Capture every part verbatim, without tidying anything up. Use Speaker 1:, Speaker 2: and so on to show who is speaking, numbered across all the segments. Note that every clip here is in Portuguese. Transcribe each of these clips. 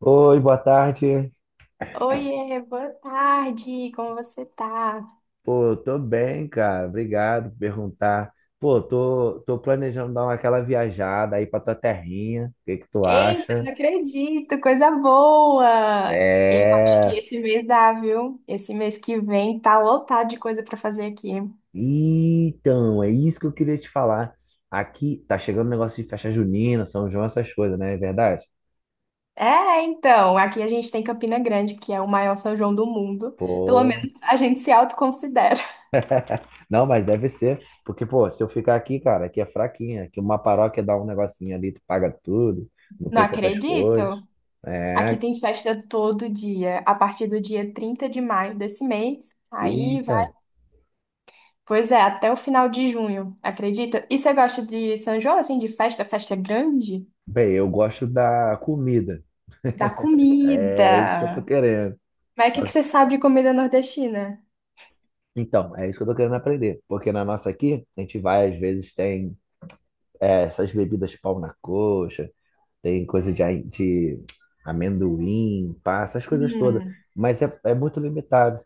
Speaker 1: Oi, boa tarde.
Speaker 2: Oiê, boa tarde, como você tá?
Speaker 1: Pô, tô bem, cara. Obrigado por perguntar. Pô, tô, tô planejando dar uma, aquela viajada aí pra tua terrinha. O que que tu
Speaker 2: Eita,
Speaker 1: acha?
Speaker 2: não acredito, coisa boa! Eu acho que
Speaker 1: É.
Speaker 2: esse mês dá, viu? Esse mês que vem tá lotado de coisa pra fazer aqui.
Speaker 1: Então, é isso que eu queria te falar. Aqui tá chegando o negócio de festa junina, São João, essas coisas, né? É verdade?
Speaker 2: É, então, aqui a gente tem Campina Grande, que é o maior São João do mundo. Pelo
Speaker 1: Pô.
Speaker 2: menos a gente se autoconsidera.
Speaker 1: Não, mas deve ser. Porque, pô, se eu ficar aqui, cara, aqui é fraquinha. Aqui uma paróquia dá um negocinho ali, tu paga tudo, não
Speaker 2: Não
Speaker 1: tem tantas coisas.
Speaker 2: acredito! Aqui
Speaker 1: É.
Speaker 2: tem festa todo dia, a partir do dia trinta de maio desse mês. Aí
Speaker 1: Eita.
Speaker 2: Pois é, até o final de junho, acredita? E você gosta de São João, assim, de festa, festa grande?
Speaker 1: Bem, eu gosto da comida.
Speaker 2: Da
Speaker 1: É isso que eu tô
Speaker 2: comida.
Speaker 1: querendo.
Speaker 2: Mas o que que você sabe de comida nordestina?
Speaker 1: Então, é isso que eu tô querendo aprender. Porque na nossa aqui, a gente vai, às vezes, tem é, essas bebidas pau na coxa, tem coisa de, ai- de amendoim, pá, essas coisas todas.
Speaker 2: Hum,
Speaker 1: Mas é, é muito limitado.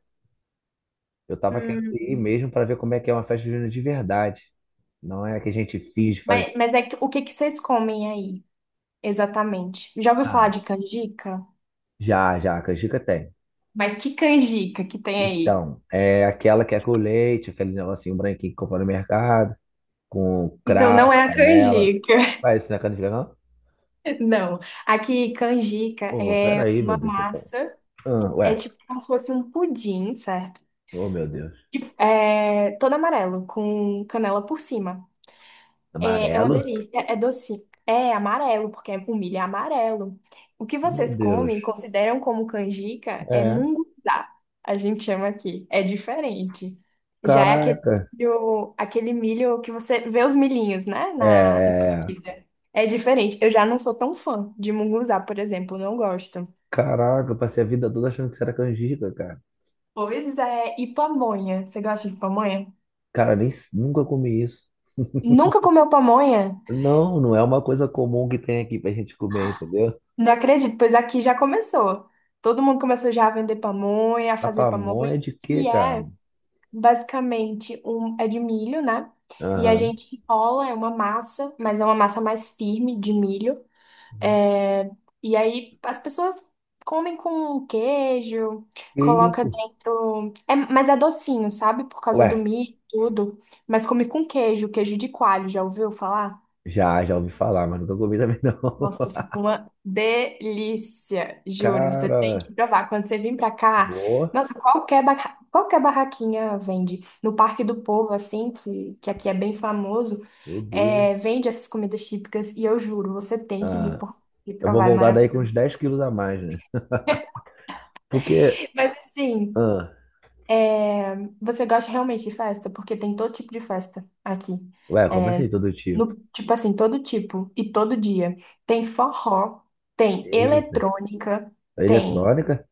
Speaker 1: Eu tava querendo
Speaker 2: hum.
Speaker 1: ir mesmo para ver como é que é uma festa junina de verdade. Não é a que a gente finge fazer.
Speaker 2: Mas, mas é que, o que que vocês comem aí, exatamente? Já ouviu falar
Speaker 1: Ah,
Speaker 2: de canjica?
Speaker 1: já, já, a canjica tem.
Speaker 2: Mas que canjica que tem aí?
Speaker 1: Então, é aquela que é com leite, aquele negocinho branquinho que compra no mercado, com
Speaker 2: Então
Speaker 1: cravo,
Speaker 2: não é a
Speaker 1: canela.
Speaker 2: canjica.
Speaker 1: Vai, isso não é canjica, não?
Speaker 2: Não. Aqui, canjica
Speaker 1: Oh,
Speaker 2: é
Speaker 1: peraí, meu
Speaker 2: uma
Speaker 1: Deus do céu.
Speaker 2: massa,
Speaker 1: Ah,
Speaker 2: é
Speaker 1: ué,
Speaker 2: tipo como se fosse um pudim, certo?
Speaker 1: oh, meu Deus.
Speaker 2: É todo amarelo, com canela por cima. É, é uma
Speaker 1: Amarelo?
Speaker 2: delícia, é é doce, é amarelo, porque é- o milho é amarelo. O que
Speaker 1: Meu
Speaker 2: vocês
Speaker 1: Deus.
Speaker 2: comem e consideram como canjica é
Speaker 1: É.
Speaker 2: munguzá, a gente chama aqui, é diferente. Já é aquele
Speaker 1: Caraca.
Speaker 2: milho, aquele milho que você vê os milhinhos, né,
Speaker 1: É.
Speaker 2: na na
Speaker 1: É, é.
Speaker 2: comida. É diferente, eu já não sou tão fã de munguzá, por exemplo, não gosto.
Speaker 1: Caraca, eu passei a vida toda achando que isso era canjica, cara.
Speaker 2: Pois é, e pamonha, você gosta de pamonha?
Speaker 1: Cara, nem nunca comi isso.
Speaker 2: Nunca comeu pamonha?
Speaker 1: Não, não é uma coisa comum que tem aqui pra gente comer, entendeu?
Speaker 2: Não acredito, pois aqui já começou. Todo mundo começou já a vender pamonha, a
Speaker 1: A
Speaker 2: fazer pamonha,
Speaker 1: pamonha de quê,
Speaker 2: que
Speaker 1: cara?
Speaker 2: é basicamente um é de milho, né? E a
Speaker 1: Aham.
Speaker 2: gente enrola, é uma massa, mas é uma massa mais firme de milho. É, e aí as pessoas comem com queijo,
Speaker 1: Que
Speaker 2: coloca
Speaker 1: isso?
Speaker 2: dentro, é, mas é docinho, sabe? Por causa
Speaker 1: Ué,
Speaker 2: do milho, e tudo. Mas come com queijo, queijo de coalho, já ouviu falar?
Speaker 1: já, já ouvi falar, mas nunca comi também não.
Speaker 2: Nossa, fica uma delícia, juro. Você tem
Speaker 1: Cara,
Speaker 2: que provar. Quando você vir pra cá,
Speaker 1: boa,
Speaker 2: nossa, qualquer, barra- qualquer barraquinha vende. No Parque do Povo, assim, que, que aqui é bem famoso,
Speaker 1: meu
Speaker 2: é,
Speaker 1: Deus.
Speaker 2: vende essas comidas típicas. E eu juro, você tem que vir
Speaker 1: Ah,
Speaker 2: por- e
Speaker 1: eu vou
Speaker 2: provar, é
Speaker 1: voltar daí com uns
Speaker 2: maravilhoso.
Speaker 1: dez quilos a mais, né? Porque,
Speaker 2: Mas assim,
Speaker 1: ah,
Speaker 2: é, você gosta realmente de festa? Porque tem todo tipo de festa aqui.
Speaker 1: ué, como
Speaker 2: É,
Speaker 1: assim todo tipo?
Speaker 2: no, tipo assim, todo tipo e todo dia. Tem forró, tem
Speaker 1: Eita,
Speaker 2: eletrônica,
Speaker 1: a
Speaker 2: tem.
Speaker 1: eletrônica?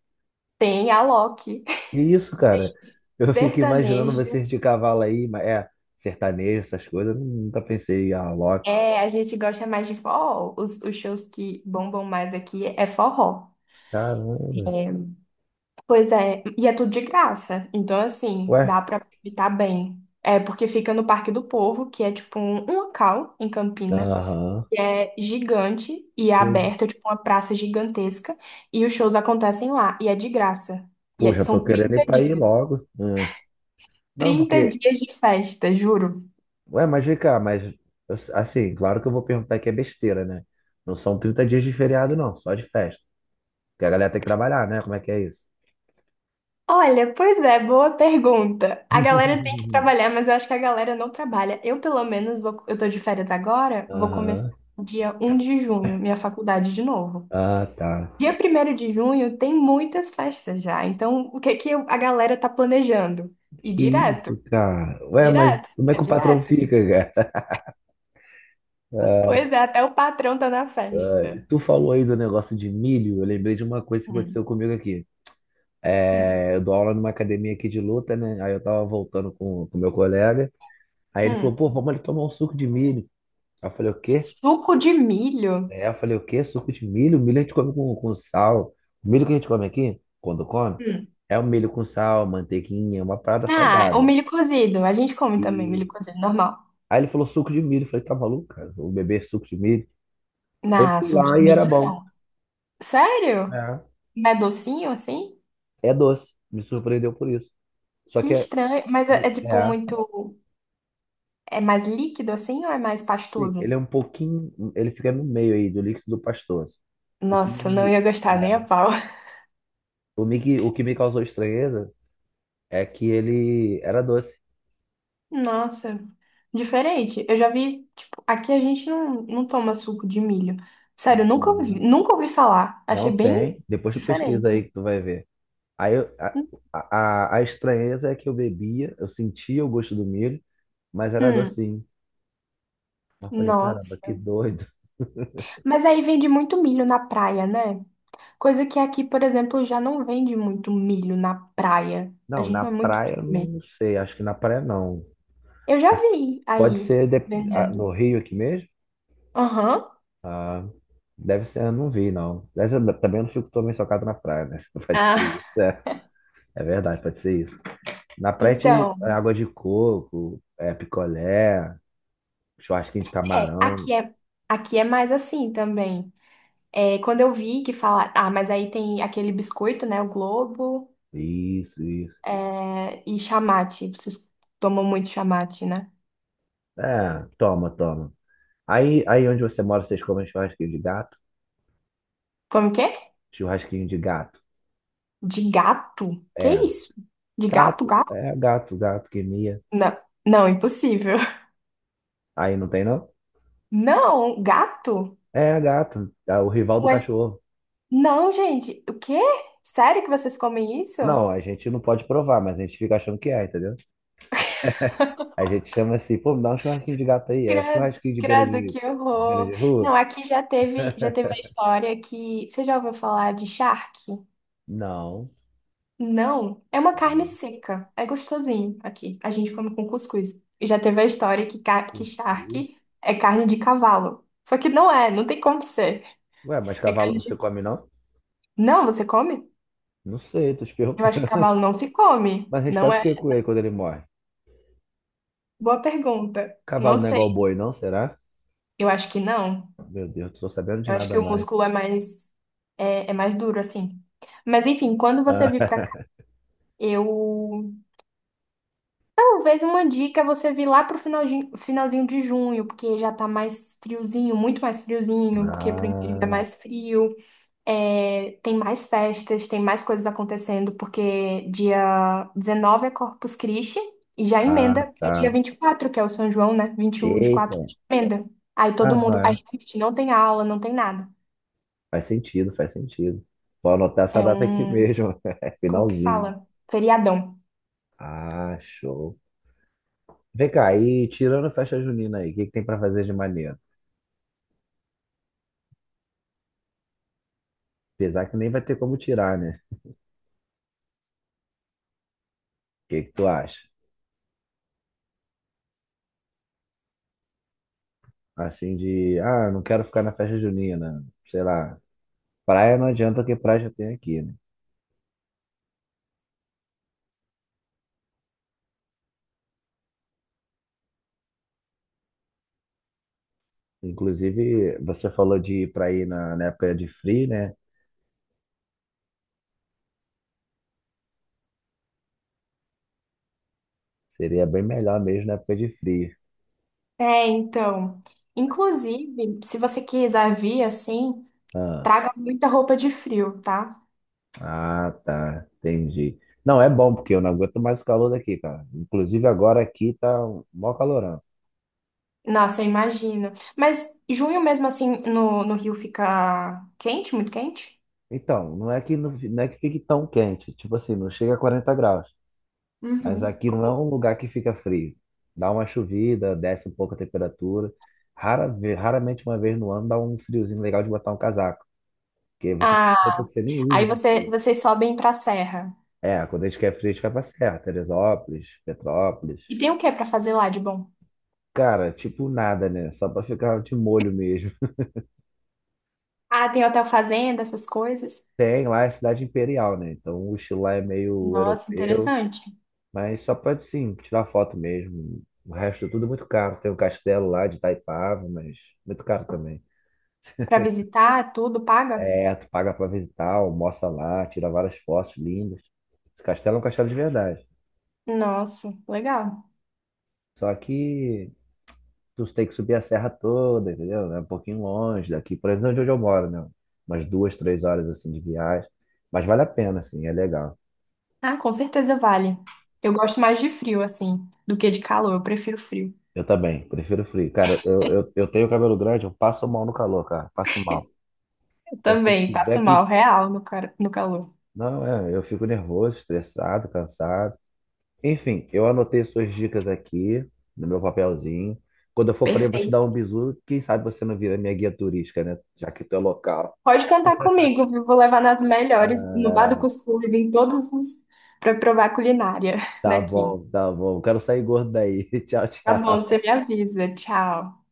Speaker 2: Tem a Loki.
Speaker 1: Que isso, cara? Eu fico imaginando
Speaker 2: Sertanejo.
Speaker 1: vocês de cavalo aí, mas é, sertanejo, essas coisas, eu nunca pensei, ah, Loki.
Speaker 2: É, a gente gosta mais de forró. Os, os shows que bombam mais aqui é forró.
Speaker 1: Caramba,
Speaker 2: Pois é, e é tudo de graça. Então, assim,
Speaker 1: ué,
Speaker 2: dá pra aproveitar bem. É porque fica no Parque do Povo, que é tipo um, um local em Campina,
Speaker 1: aham.
Speaker 2: que é gigante e é
Speaker 1: Eu-
Speaker 2: aberto, é tipo uma praça gigantesca. E os shows acontecem lá, e é de graça. E é-
Speaker 1: Poxa, tô
Speaker 2: são
Speaker 1: querendo ir
Speaker 2: trinta
Speaker 1: pra ir
Speaker 2: dias.
Speaker 1: logo. Ah, não,
Speaker 2: trinta
Speaker 1: porque,
Speaker 2: dias de festa, juro.
Speaker 1: ué, mas vem cá, mas, eu- assim, claro que eu vou perguntar que é besteira, né? Não são trinta dias de feriado, não, só de festa. Porque a galera tem que trabalhar, né? Como é que é isso?
Speaker 2: Olha, pois é, boa pergunta. A galera tem que trabalhar, mas eu acho que a galera não trabalha. Eu, pelo menos, vou- eu tô de férias agora, vou começar
Speaker 1: Aham.
Speaker 2: dia um de junho, minha faculdade de novo.
Speaker 1: Ah, tá.
Speaker 2: Dia primeiro de junho tem muitas festas já, então o que que eu- a galera tá planejando? Ir
Speaker 1: Que
Speaker 2: direto,
Speaker 1: isso, cara.
Speaker 2: ir
Speaker 1: Ué,
Speaker 2: direto,
Speaker 1: mas como é
Speaker 2: é
Speaker 1: que o patrão
Speaker 2: direto.
Speaker 1: fica, cara? Ah,
Speaker 2: Pois é, até o patrão tá na festa.
Speaker 1: tu falou aí do negócio de milho, eu lembrei de uma coisa que
Speaker 2: Hum,
Speaker 1: aconteceu comigo aqui.
Speaker 2: hum,
Speaker 1: É, eu dou aula numa academia aqui de luta, né? Aí eu tava voltando com o meu colega. Aí ele falou,
Speaker 2: hum.
Speaker 1: pô, vamos ali tomar um suco de milho. Aí eu falei, o quê?
Speaker 2: Suco de milho?
Speaker 1: É, eu falei, o quê? Suco de milho? Milho a gente come com, com sal. O milho que a gente come aqui, quando come,
Speaker 2: Hum.
Speaker 1: é o milho com sal, manteiguinha, uma parada
Speaker 2: Ah, o
Speaker 1: salgada.
Speaker 2: milho cozido. A gente come também milho
Speaker 1: Isso.
Speaker 2: cozido, normal.
Speaker 1: Aí ele falou suco de milho. Eu falei, tá maluco, cara? Vou beber suco de milho. Aí eu
Speaker 2: Na
Speaker 1: fui
Speaker 2: suco
Speaker 1: lá
Speaker 2: de
Speaker 1: e era bom.
Speaker 2: milho? Sério?
Speaker 1: É.
Speaker 2: Mas é docinho assim?
Speaker 1: É doce. Me surpreendeu por isso. Só
Speaker 2: Que
Speaker 1: que é.
Speaker 2: estranho. Mas é, é, tipo
Speaker 1: É.
Speaker 2: muito. É mais líquido assim ou é mais
Speaker 1: Sim, ele
Speaker 2: pastoso?
Speaker 1: é um pouquinho. Ele fica no meio aí do líquido pastoso. O que
Speaker 2: Nossa, não
Speaker 1: me,
Speaker 2: ia gostar nem a pau.
Speaker 1: o me, o que me causou estranheza é que ele era doce.
Speaker 2: Nossa, diferente. Eu já vi, tipo, aqui a gente não, não toma suco de milho. Sério, nunca ouvi, nunca ouvi falar. Achei
Speaker 1: Não
Speaker 2: bem
Speaker 1: tem. Depois tu pesquisa aí
Speaker 2: diferente.
Speaker 1: que tu vai ver. Aí eu- a, a, a estranheza é que eu bebia, eu sentia o gosto do milho, mas era
Speaker 2: Hum,
Speaker 1: docinho. Eu falei, caramba,
Speaker 2: nossa.
Speaker 1: que doido.
Speaker 2: Mas aí vende muito milho na praia, né? Coisa que aqui, por exemplo, já não vende muito milho na praia. A
Speaker 1: Não,
Speaker 2: gente
Speaker 1: na
Speaker 2: não é muito
Speaker 1: praia,
Speaker 2: de
Speaker 1: eu
Speaker 2: comer.
Speaker 1: não sei. Acho que na praia não.
Speaker 2: Eu já
Speaker 1: Mas
Speaker 2: vi
Speaker 1: Pode
Speaker 2: aí
Speaker 1: ser de- ah,
Speaker 2: vendendo.
Speaker 1: no Rio aqui mesmo?
Speaker 2: Aham.
Speaker 1: Ah, deve ser, eu não vi, não. Mas eu também não fico também socado na praia, né? Pode ser
Speaker 2: Ah.
Speaker 1: isso. É, é verdade, pode ser isso. Na praia, a gente- é
Speaker 2: Então,
Speaker 1: água de coco, é picolé, churrasquinho de
Speaker 2: é,
Speaker 1: camarão.
Speaker 2: aqui é, aqui é mais assim também. É, quando eu vi que falar, ah, mas aí tem aquele biscoito, né? O Globo,
Speaker 1: Isso, isso.
Speaker 2: é, e chamate. Vocês tomam muito chamate, né?
Speaker 1: É, toma, toma. Aí, aí onde você mora, vocês comem churrasquinho de gato?
Speaker 2: Como que é?
Speaker 1: Churrasquinho de gato.
Speaker 2: De gato? Que
Speaker 1: É,
Speaker 2: isso? De gato,
Speaker 1: gato,
Speaker 2: gato?
Speaker 1: é gato, gato que mia.
Speaker 2: Não, não, impossível.
Speaker 1: Aí não tem, não?
Speaker 2: Não, gato?
Speaker 1: É a gata, tá? O rival do cachorro.
Speaker 2: Não, gente, o quê? Sério que vocês comem isso?
Speaker 1: Não, a gente não pode provar, mas a gente fica achando que é, entendeu? A gente chama assim, pô, me dá um churrasquinho de gato aí. É
Speaker 2: Credo,
Speaker 1: churrasquinho de beira
Speaker 2: credo,
Speaker 1: de,
Speaker 2: que
Speaker 1: de beira
Speaker 2: horror.
Speaker 1: de rua?
Speaker 2: Não, aqui já teve, já teve a história que. Você já ouviu falar de charque?
Speaker 1: Não.
Speaker 2: Não, é uma carne
Speaker 1: Não.
Speaker 2: seca. É gostosinho aqui. A gente come com cuscuz. E já teve a história que, ca- que
Speaker 1: Cuscuz.
Speaker 2: charque é carne de cavalo. Só que não é, não tem como ser.
Speaker 1: Ué, mas
Speaker 2: É
Speaker 1: cavalo
Speaker 2: carne
Speaker 1: você
Speaker 2: de...
Speaker 1: come não?
Speaker 2: Não, você come?
Speaker 1: Não sei, tô te
Speaker 2: Eu acho que
Speaker 1: perguntando.
Speaker 2: cavalo não se come.
Speaker 1: Mas a gente
Speaker 2: Não
Speaker 1: faz o
Speaker 2: é?
Speaker 1: que com ele quando ele morre?
Speaker 2: Boa pergunta. Não
Speaker 1: Cavalo não é igual
Speaker 2: sei.
Speaker 1: boi, não? Será?
Speaker 2: Eu acho que não.
Speaker 1: Meu Deus, não tô sabendo de
Speaker 2: Eu acho
Speaker 1: nada
Speaker 2: que o
Speaker 1: mais.
Speaker 2: músculo é mais, é, é mais duro, assim. Mas enfim, quando você vir pra cá, eu. Talvez uma dica é você vir lá pro finalzinho, finalzinho de junho, porque já tá mais friozinho, muito mais friozinho, porque pro interior é é
Speaker 1: Ah,
Speaker 2: mais frio, é, tem mais festas, tem mais coisas acontecendo, porque dia dezenove é Corpus Christi, e já
Speaker 1: ah,
Speaker 2: emenda pra dia
Speaker 1: tá.
Speaker 2: vinte e quatro que é o São João, né? Vinte e um vinte e quatro
Speaker 1: Eita.
Speaker 2: emenda. Aí
Speaker 1: Ah,
Speaker 2: todo
Speaker 1: não
Speaker 2: mundo. Aí
Speaker 1: é.
Speaker 2: realmente não tem aula, não tem nada.
Speaker 1: Faz sentido, faz sentido. Vou anotar essa
Speaker 2: É
Speaker 1: data aqui
Speaker 2: um
Speaker 1: mesmo. É
Speaker 2: como que
Speaker 1: finalzinho.
Speaker 2: fala? Feriadão.
Speaker 1: Ah, show. Vem cá, e tirando a festa junina aí, o que que tem pra fazer de maneiro? Apesar que nem vai ter como tirar, né? O que que tu acha? Assim de, ah, não quero ficar na festa junina, sei lá. Praia não adianta que praia já tem aqui, né? Inclusive, você falou de ir pra ir na, na época de frio, né? Seria bem melhor mesmo na época de frio.
Speaker 2: É, então. Inclusive, se você quiser vir assim,
Speaker 1: Ah,
Speaker 2: traga muita roupa de frio, tá?
Speaker 1: ah, tá, entendi. Não, é bom, porque eu não aguento mais o calor daqui, cara. Inclusive agora aqui tá um mó calorão.
Speaker 2: Nossa, eu imagino. Mas junho mesmo assim no, no Rio fica quente, muito quente?
Speaker 1: Então, não é que não, não é que fique tão quente, tipo assim, não chega a quarenta graus, mas
Speaker 2: Uhum.
Speaker 1: aqui não é um lugar que fica frio. Dá uma chovida, desce um pouco a temperatura. Rara, ve- raramente uma vez no ano dá um friozinho legal de botar um casaco, porque você tem
Speaker 2: Ah,
Speaker 1: roupa que você nem
Speaker 2: aí
Speaker 1: usa de
Speaker 2: você,
Speaker 1: frio.
Speaker 2: vocês sobem pra serra.
Speaker 1: É, quando a gente quer frio, a gente vai pra Serra, Teresópolis, Petrópolis.
Speaker 2: E tem o que pra fazer lá de bom?
Speaker 1: Cara, tipo nada, né? Só pra ficar de molho mesmo.
Speaker 2: Ah, tem hotel fazenda, essas coisas.
Speaker 1: Tem lá é cidade imperial, né? Então o estilo lá é meio
Speaker 2: Nossa,
Speaker 1: europeu,
Speaker 2: interessante.
Speaker 1: mas só pode sim tirar foto mesmo. O resto é tudo muito caro. Tem um castelo lá de Itaipava, mas muito caro também.
Speaker 2: Pra visitar, tudo paga?
Speaker 1: É, tu paga pra visitar, almoça lá, tira várias fotos lindas. Esse castelo é um castelo de verdade.
Speaker 2: Nossa, legal.
Speaker 1: Só que tu tem que subir a serra toda, entendeu? É um pouquinho longe daqui, por exemplo, de onde eu moro, né? Umas duas, três horas assim de viagem. Mas vale a pena, assim, é legal.
Speaker 2: Ah, com certeza vale. Eu gosto mais de frio, assim, do que de calor. Eu prefiro frio.
Speaker 1: Eu também, prefiro frio. Cara, eu, eu, eu tenho cabelo grande, eu passo mal no calor, cara. Passo mal.
Speaker 2: Eu
Speaker 1: Então, se
Speaker 2: também
Speaker 1: tiver
Speaker 2: passo mal
Speaker 1: que.
Speaker 2: real no, cara- no calor.
Speaker 1: Não, é, eu fico nervoso, estressado, cansado. Enfim, eu anotei suas dicas aqui no meu papelzinho. Quando eu for para aí, eu vou te dar
Speaker 2: Perfeito.
Speaker 1: um bisu. Quem sabe você não vira minha guia turística, né? Já que tu é local.
Speaker 2: Pode cantar comigo, viu? Vou levar nas melhores, no Bar do
Speaker 1: Ah,
Speaker 2: Cuscuz, em todos os, para provar a culinária
Speaker 1: tá
Speaker 2: daqui.
Speaker 1: bom, tá bom. Quero sair gordo daí. Tchau,
Speaker 2: Tá bom,
Speaker 1: tchau.
Speaker 2: você me avisa. Tchau.